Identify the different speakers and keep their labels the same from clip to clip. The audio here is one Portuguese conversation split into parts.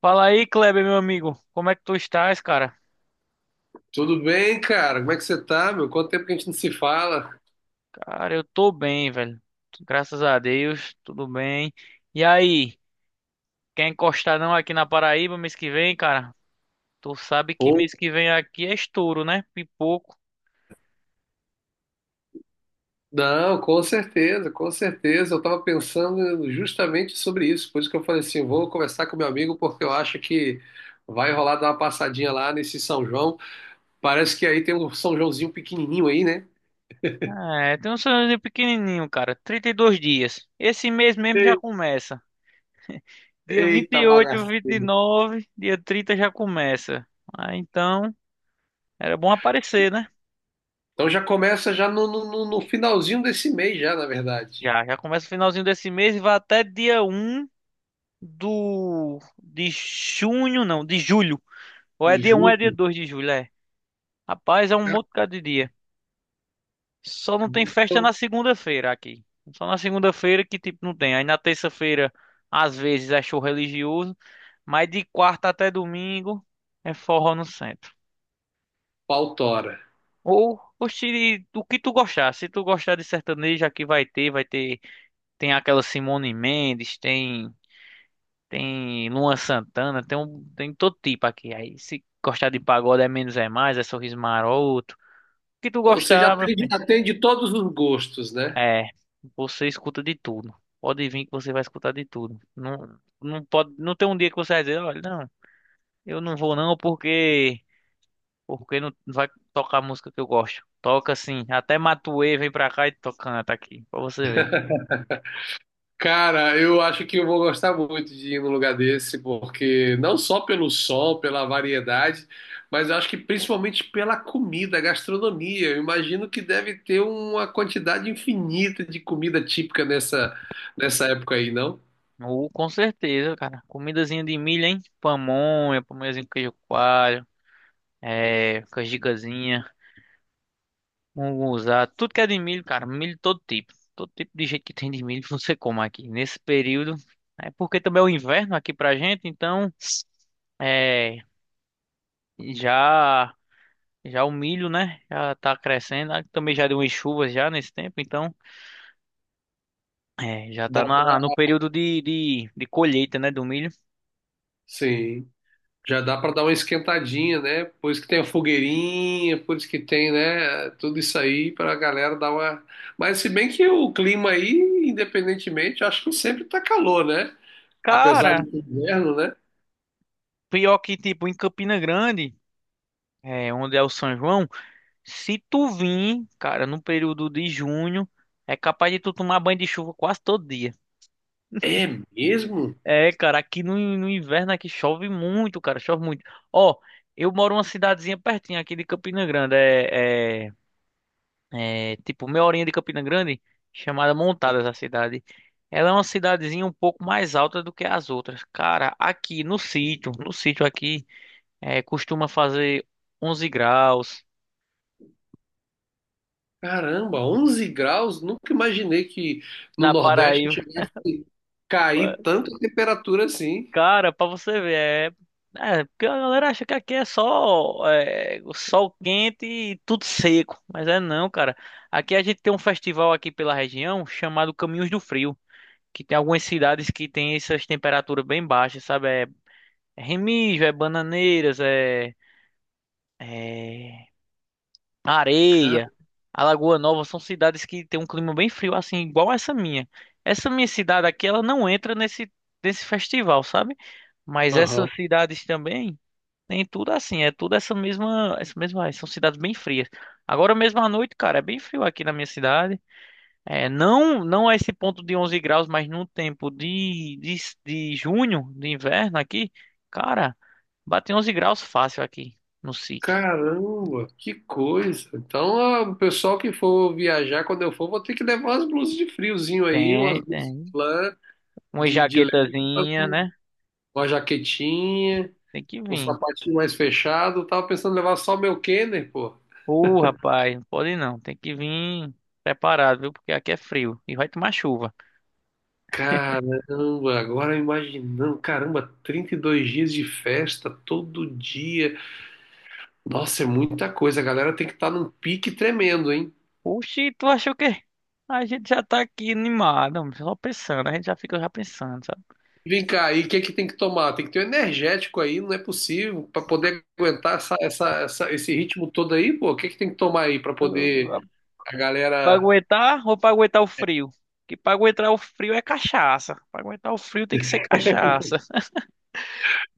Speaker 1: Fala aí, Kleber, meu amigo. Como é que tu estás, cara?
Speaker 2: Tudo bem, cara? Como é que você tá, meu? Quanto tempo que a gente não se fala?
Speaker 1: Cara, eu tô bem, velho. Graças a Deus, tudo bem. E aí, quer encostar não aqui na Paraíba mês que vem, cara? Tu sabe que
Speaker 2: Ou
Speaker 1: mês que vem aqui é estouro, né? Pipoco.
Speaker 2: não, com certeza, com certeza. Eu tava pensando justamente sobre isso, por isso que eu falei assim, vou conversar com meu amigo porque eu acho que vai rolar dar uma passadinha lá nesse São João. Parece que aí tem um São Joãozinho pequenininho aí, né?
Speaker 1: É, tem um sonhozinho pequenininho, cara. 32 dias. Esse mês mesmo já
Speaker 2: E-
Speaker 1: começa. Dia vinte
Speaker 2: Eita
Speaker 1: e
Speaker 2: bagaceiro.
Speaker 1: 29, dia 30 já começa. Ah, então, era bom aparecer, né?
Speaker 2: Então já começa já no finalzinho desse mês já, na verdade.
Speaker 1: Já, já começa o finalzinho desse mês e vai até dia um. Do de junho, não, de julho. Ou é
Speaker 2: De
Speaker 1: dia 1, é dia
Speaker 2: julho,
Speaker 1: 2 de julho, é. Rapaz, é um
Speaker 2: já,
Speaker 1: monte de dia. Só não tem festa
Speaker 2: julho,
Speaker 1: na segunda-feira aqui. Só na segunda-feira que tipo não tem. Aí na terça-feira às vezes é show religioso, mas de quarta até domingo é forró no centro.
Speaker 2: pautora.
Speaker 1: Ou oxe, o que tu gostar. Se tu gostar de sertanejo, aqui vai ter, tem aquela Simone Mendes, tem Luan Santana, tem um, tem todo tipo aqui. Aí se gostar de pagode é menos é mais, é sorriso maroto. O que tu
Speaker 2: Ou seja,
Speaker 1: gostar, meu
Speaker 2: atende,
Speaker 1: filho?
Speaker 2: atende todos os gostos, né?
Speaker 1: É, você escuta de tudo. Pode vir que você vai escutar de tudo. Não, não pode, não tem um dia que você vai dizer, olha, não, eu não vou não porque não vai tocar a música que eu gosto. Toca assim, até Matuê vem pra cá e canta aqui, pra você ver.
Speaker 2: Cara, eu acho que eu vou gostar muito de ir num lugar desse, porque não só pelo sol, pela variedade, mas eu acho que principalmente pela comida, gastronomia. Eu imagino que deve ter uma quantidade infinita de comida típica nessa época aí, não?
Speaker 1: Com certeza, cara. Comidazinha de milho, hein? Pamonha, pamonhazinho com queijo coalho. É, com as gigazinhas, munguzá, tudo que é de milho, cara, milho todo tipo. Todo tipo de jeito que tem de milho você come aqui. Nesse período, é porque também é o inverno aqui pra gente, então é, já já o milho, né, já tá crescendo. Ah, também já deu umas chuvas já nesse tempo, então é, já
Speaker 2: Dá
Speaker 1: tá na, no
Speaker 2: pra.
Speaker 1: período de colheita, né, do milho.
Speaker 2: Sim. Já dá para dar uma esquentadinha, né? Por isso que tem a fogueirinha, por isso que tem, né? Tudo isso aí para a galera dar uma. Mas se bem que o clima aí, independentemente, eu acho que sempre tá calor, né? Apesar
Speaker 1: Cara,
Speaker 2: de ser inverno, né?
Speaker 1: pior que tipo em Campina Grande, é, onde é o São João, se tu vir, cara, no período de junho, é capaz de tu tomar banho de chuva quase todo dia.
Speaker 2: É mesmo?
Speaker 1: É, cara, aqui no inverno aqui chove muito, cara, chove muito. Ó, eu moro numa cidadezinha pertinho aqui de Campina Grande, é tipo meia horinha de Campina Grande, chamada Montadas a cidade. Ela é uma cidadezinha um pouco mais alta do que as outras. Cara, aqui no sítio, no sítio aqui, é, costuma fazer 11 graus.
Speaker 2: Caramba, 11 graus? Nunca imaginei que no
Speaker 1: Na
Speaker 2: Nordeste
Speaker 1: Paraíba.
Speaker 2: chegasse a cair tanto a temperatura assim.
Speaker 1: Cara, pra você ver, porque a galera acha que aqui é só é, o sol quente e tudo seco, mas é não, cara. Aqui a gente tem um festival aqui pela região chamado Caminhos do Frio, que tem algumas cidades que tem essas temperaturas bem baixas, sabe? É, é Remígio, é Bananeiras, é, é
Speaker 2: Cara,
Speaker 1: Areia, Alagoa Nova, são cidades que tem um clima bem frio, assim, igual essa minha. Essa minha cidade aqui, ela não entra nesse festival, sabe? Mas essas
Speaker 2: aham.
Speaker 1: cidades também tem tudo assim, é tudo essa mesma, ah, são cidades bem frias. Agora mesmo à noite, cara, é bem frio aqui na minha cidade. É, não, não é esse ponto de 11 graus, mas no tempo de junho, de inverno aqui, cara, bate 11 graus fácil aqui no sítio.
Speaker 2: Caramba, que coisa. Então, ah, o pessoal que for viajar, quando eu for, vou ter que levar umas blusas de friozinho aí, umas
Speaker 1: Tem,
Speaker 2: blusas de
Speaker 1: tem.
Speaker 2: lã,
Speaker 1: Uma
Speaker 2: de leve,
Speaker 1: jaquetazinha, né?
Speaker 2: uma jaquetinha,
Speaker 1: Tem que
Speaker 2: um
Speaker 1: vir.
Speaker 2: sapatinho mais fechado. Eu tava pensando em levar só meu Kenner, pô.
Speaker 1: Ô, rapaz, não pode não, tem que vir preparado, viu? Porque aqui é frio e vai tomar chuva.
Speaker 2: Caramba, agora imaginando, caramba, 32 dias de festa todo dia. Nossa, é muita coisa. A galera tem que estar num pique tremendo, hein?
Speaker 1: Oxi, tu achou que a gente já tá aqui animado, homem, só pensando, a gente já fica já pensando, sabe?
Speaker 2: Vem cá, e o que é que tem que tomar? Tem que ter um energético aí, não é possível, para poder aguentar essa, essa, esse ritmo todo aí, pô. O que é que tem que tomar aí para
Speaker 1: Eu- ah,
Speaker 2: poder a
Speaker 1: Pra
Speaker 2: galera.
Speaker 1: aguentar ou pra aguentar o frio? Que pra aguentar o frio é cachaça. Pra aguentar o frio tem que ser cachaça.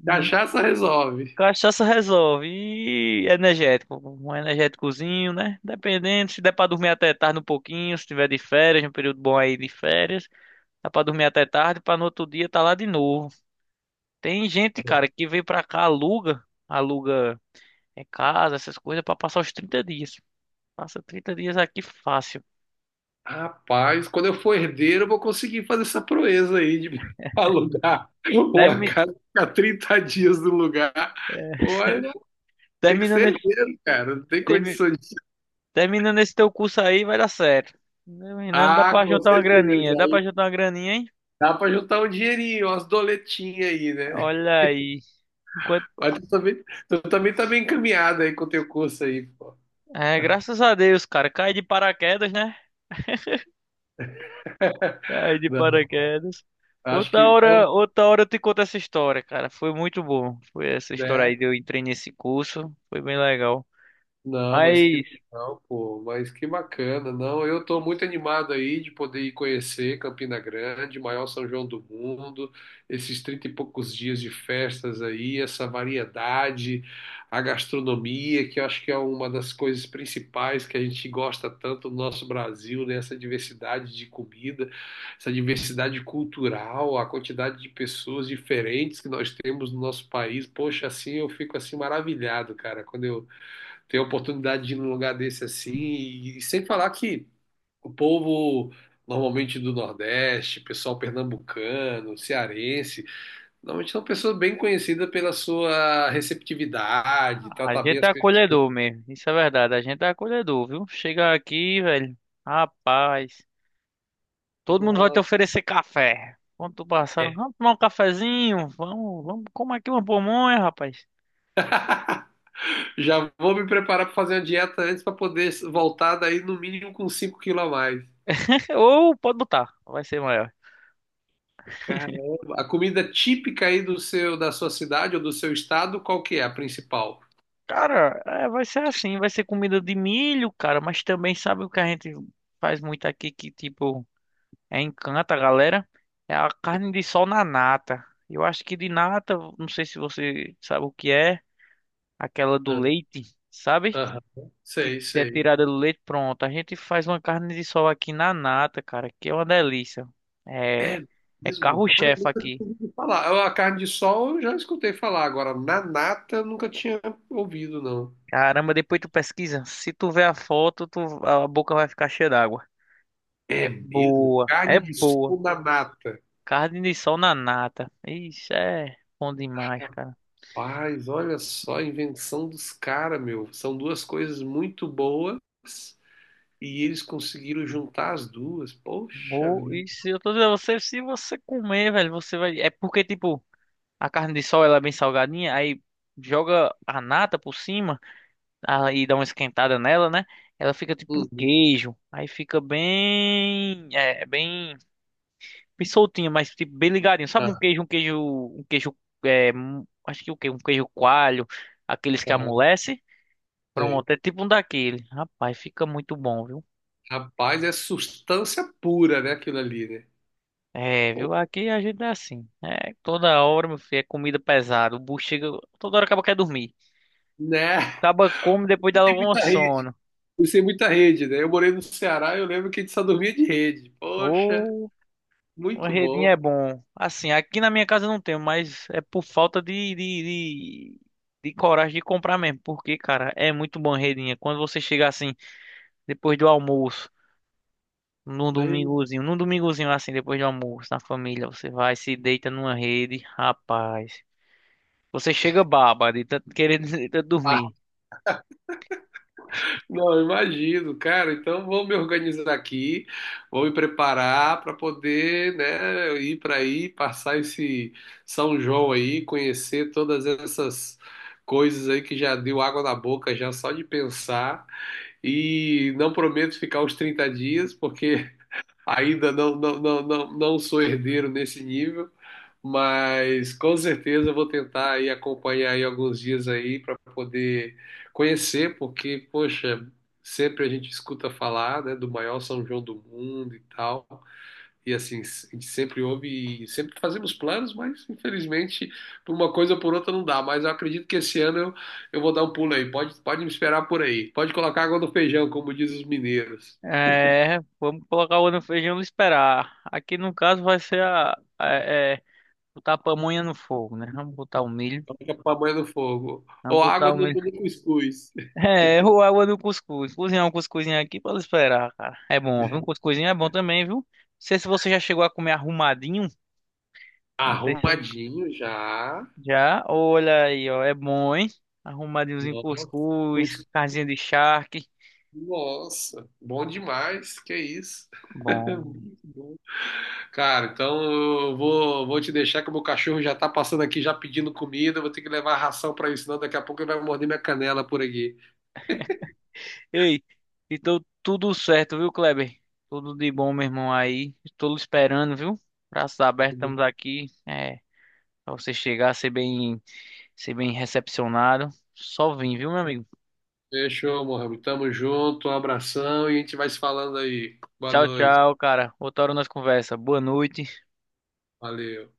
Speaker 1: Hum,
Speaker 2: Cachaça resolve.
Speaker 1: Cachaça resolve. E energético. Um energéticozinho, né? Dependendo, se der pra dormir até tarde um pouquinho, se tiver de férias, um período bom aí de férias, dá pra dormir até tarde, pra no outro dia tá lá de novo. Tem gente, cara, que vem pra cá, aluga em casa, essas coisas, pra passar os 30 dias. Passa 30 dias aqui fácil.
Speaker 2: Rapaz, quando eu for herdeiro, eu vou conseguir fazer essa proeza aí de alugar uma
Speaker 1: Termi-
Speaker 2: casa, ficar 30 dias no lugar. Olha, tem que
Speaker 1: terminando
Speaker 2: ser
Speaker 1: esse,
Speaker 2: herdeiro, cara, não tem
Speaker 1: termi-
Speaker 2: condições.
Speaker 1: terminando esse teu curso aí, vai dar certo. Terminando, dá
Speaker 2: Ah,
Speaker 1: pra
Speaker 2: com
Speaker 1: juntar uma
Speaker 2: certeza.
Speaker 1: graninha. Dá pra
Speaker 2: Aí
Speaker 1: juntar uma graninha, hein?
Speaker 2: dá para juntar um dinheirinho, umas doletinhas aí, né?
Speaker 1: Olha aí. Enquanto...
Speaker 2: Mas tu também tá bem encaminhado aí com o teu curso aí, pô.
Speaker 1: É, graças a Deus, cara. Cai de paraquedas, né? Cai de
Speaker 2: Não,
Speaker 1: paraquedas.
Speaker 2: acho que,
Speaker 1: Outra hora eu te conto essa história, cara. Foi muito bom. Foi essa história aí
Speaker 2: né?
Speaker 1: de eu entrei nesse curso. Foi bem legal.
Speaker 2: Não, mas que
Speaker 1: Mas
Speaker 2: legal, pô, mas que bacana. Não, eu tô muito animado aí de poder ir conhecer Campina Grande, maior São João do mundo, esses trinta e poucos dias de festas aí, essa variedade, a gastronomia, que eu acho que é uma das coisas principais que a gente gosta tanto no nosso Brasil, né? Essa diversidade de comida, essa diversidade cultural, a quantidade de pessoas diferentes que nós temos no nosso país. Poxa, assim eu fico assim maravilhado, cara, quando eu ter a oportunidade de ir num lugar desse assim, e sem falar que o povo normalmente do Nordeste, pessoal pernambucano, cearense, normalmente são pessoas bem conhecidas pela sua receptividade,
Speaker 1: a
Speaker 2: tratar bem
Speaker 1: gente
Speaker 2: as
Speaker 1: é
Speaker 2: pessoas.
Speaker 1: acolhedor mesmo, isso é verdade, a gente é acolhedor, viu? Chega aqui, velho, rapaz, todo mundo vai te
Speaker 2: Nossa,
Speaker 1: oferecer café. Quando tu passar,
Speaker 2: é.
Speaker 1: vamos tomar um cafezinho, vamos, vamos comer aqui uma pamonha, rapaz.
Speaker 2: Já vou me preparar para fazer uma dieta antes para poder voltar daí no mínimo com 5 quilos a mais.
Speaker 1: Ou pode botar, vai ser maior.
Speaker 2: Caramba, a comida típica aí da sua cidade ou do seu estado, qual que é a principal?
Speaker 1: Cara, é, vai ser assim, vai ser comida de milho, cara, mas também sabe o que a gente faz muito aqui que, tipo, é encanta a galera? É a carne de sol na nata. Eu acho que de nata, não sei se você sabe o que é. Aquela do
Speaker 2: Ah,
Speaker 1: leite, sabe?
Speaker 2: aham.
Speaker 1: Que
Speaker 2: Sei,
Speaker 1: é
Speaker 2: sei.
Speaker 1: tirada do leite, pronto. A gente faz uma carne de sol aqui na nata, cara, que é uma delícia. É,
Speaker 2: É
Speaker 1: é
Speaker 2: mesmo? Olha, eu
Speaker 1: carro-chefe
Speaker 2: nunca tinha
Speaker 1: aqui.
Speaker 2: ouvido falar. A carne de sol eu já escutei falar. Agora, na nata eu nunca tinha ouvido, não.
Speaker 1: Caramba, depois tu pesquisa. Se tu ver a foto, tu, a boca vai ficar cheia d'água.
Speaker 2: É
Speaker 1: É
Speaker 2: mesmo?
Speaker 1: boa, é
Speaker 2: Carne de
Speaker 1: boa.
Speaker 2: sol na nata.
Speaker 1: Carne de sol na nata. Isso é bom demais, cara.
Speaker 2: Paz, olha só a invenção dos caras, meu. São duas coisas muito boas e eles conseguiram juntar as duas. Poxa
Speaker 1: Vou,
Speaker 2: vida.
Speaker 1: isso, eu tô dizendo a você, se você comer, velho, você vai. É porque, tipo, a carne de sol ela é bem salgadinha, aí joga a nata por cima. Ah, e dá uma esquentada nela, né? Ela fica tipo um
Speaker 2: Uhum.
Speaker 1: queijo. Aí fica bem, é, bem, bem soltinha, mas tipo bem ligadinho. Sabe um
Speaker 2: Ah,
Speaker 1: queijo, um queijo, um queijo, é, acho que o quê? Um queijo coalho, aqueles que
Speaker 2: ah,
Speaker 1: amolece.
Speaker 2: sei.
Speaker 1: Pronto, é tipo um daquele. Rapaz, fica muito bom, viu?
Speaker 2: Rapaz, é substância pura, né, aquilo ali, né?
Speaker 1: É,
Speaker 2: Pô,
Speaker 1: viu? Aqui a gente é assim. É, toda hora, meu filho, é comida pesada. O bucho chega, toda hora acaba quer dormir.
Speaker 2: né?
Speaker 1: Acaba come depois dá logo um sono.
Speaker 2: Fui sem muita rede, né? Eu morei no Ceará, eu lembro que a gente só dormia de rede. Poxa,
Speaker 1: Ô, uma
Speaker 2: muito bom.
Speaker 1: redinha é bom. Assim, aqui na minha casa eu não tenho, mas é por falta de coragem de comprar mesmo. Porque, cara, é muito bom redinha. Quando você chega assim, depois do almoço,
Speaker 2: Né?
Speaker 1: num domingozinho assim, depois do almoço, na família, você vai, se deita numa rede, rapaz. Você chega baba de tanto querer de tanto
Speaker 2: Ah,
Speaker 1: dormir.
Speaker 2: não, eu imagino, cara. Então vou me organizar aqui, vou me preparar para poder, né, ir para aí, passar esse São João aí, conhecer todas essas coisas aí que já deu água na boca já só de pensar. E não prometo ficar os 30 dias, porque ainda não, não, não, não, não sou herdeiro nesse nível. Mas com certeza eu vou tentar aí acompanhar aí alguns dias aí para poder conhecer, porque, poxa, sempre a gente escuta falar, né, do maior São João do mundo e tal. E assim, a gente sempre ouve e sempre fazemos planos, mas infelizmente por uma coisa ou por outra não dá. Mas eu acredito que esse ano eu vou dar um pulo aí. Pode me esperar por aí. Pode colocar água no feijão, como diz os mineiros.
Speaker 1: É, vamos colocar o no feijão e esperar. Aqui no caso vai ser é, botar a pamonha no fogo, né? Vamos botar o milho.
Speaker 2: Coloca a pamonha no fogo.
Speaker 1: Vamos
Speaker 2: Ou
Speaker 1: botar
Speaker 2: água
Speaker 1: o
Speaker 2: no,
Speaker 1: milho
Speaker 2: no cuscuz.
Speaker 1: É, errou a água do cuscuz. Cozinhar um cuscuzinho aqui para esperar, cara. É bom, viu? Um cuscuzinho é bom também, viu? Não sei se você já chegou a comer arrumadinho. Não sei se
Speaker 2: Arrumadinho já.
Speaker 1: já. Olha aí, ó. É bom, hein? Arrumadinhozinho
Speaker 2: Nossa,
Speaker 1: cuscuz,
Speaker 2: pois-
Speaker 1: casinha de charque.
Speaker 2: nossa, bom demais, que isso.
Speaker 1: Bom.
Speaker 2: Muito bom. Cara, então eu vou te deixar que o meu cachorro já tá passando aqui, já pedindo comida, eu vou ter que levar a ração pra ele, senão daqui a pouco ele vai morder minha canela por aqui.
Speaker 1: Ei, então tudo certo, viu, Kleber? Tudo de bom, meu irmão, aí. Estou esperando, viu? Braços abertos, estamos aqui. É, pra você chegar, ser bem recepcionado. Só vim, viu, meu amigo?
Speaker 2: Fechou, Mohamed. Tamo junto, um abração e a gente vai se falando aí. Boa
Speaker 1: Tchau,
Speaker 2: noite.
Speaker 1: tchau, cara. Outra hora nós conversa. Boa noite.
Speaker 2: Valeu.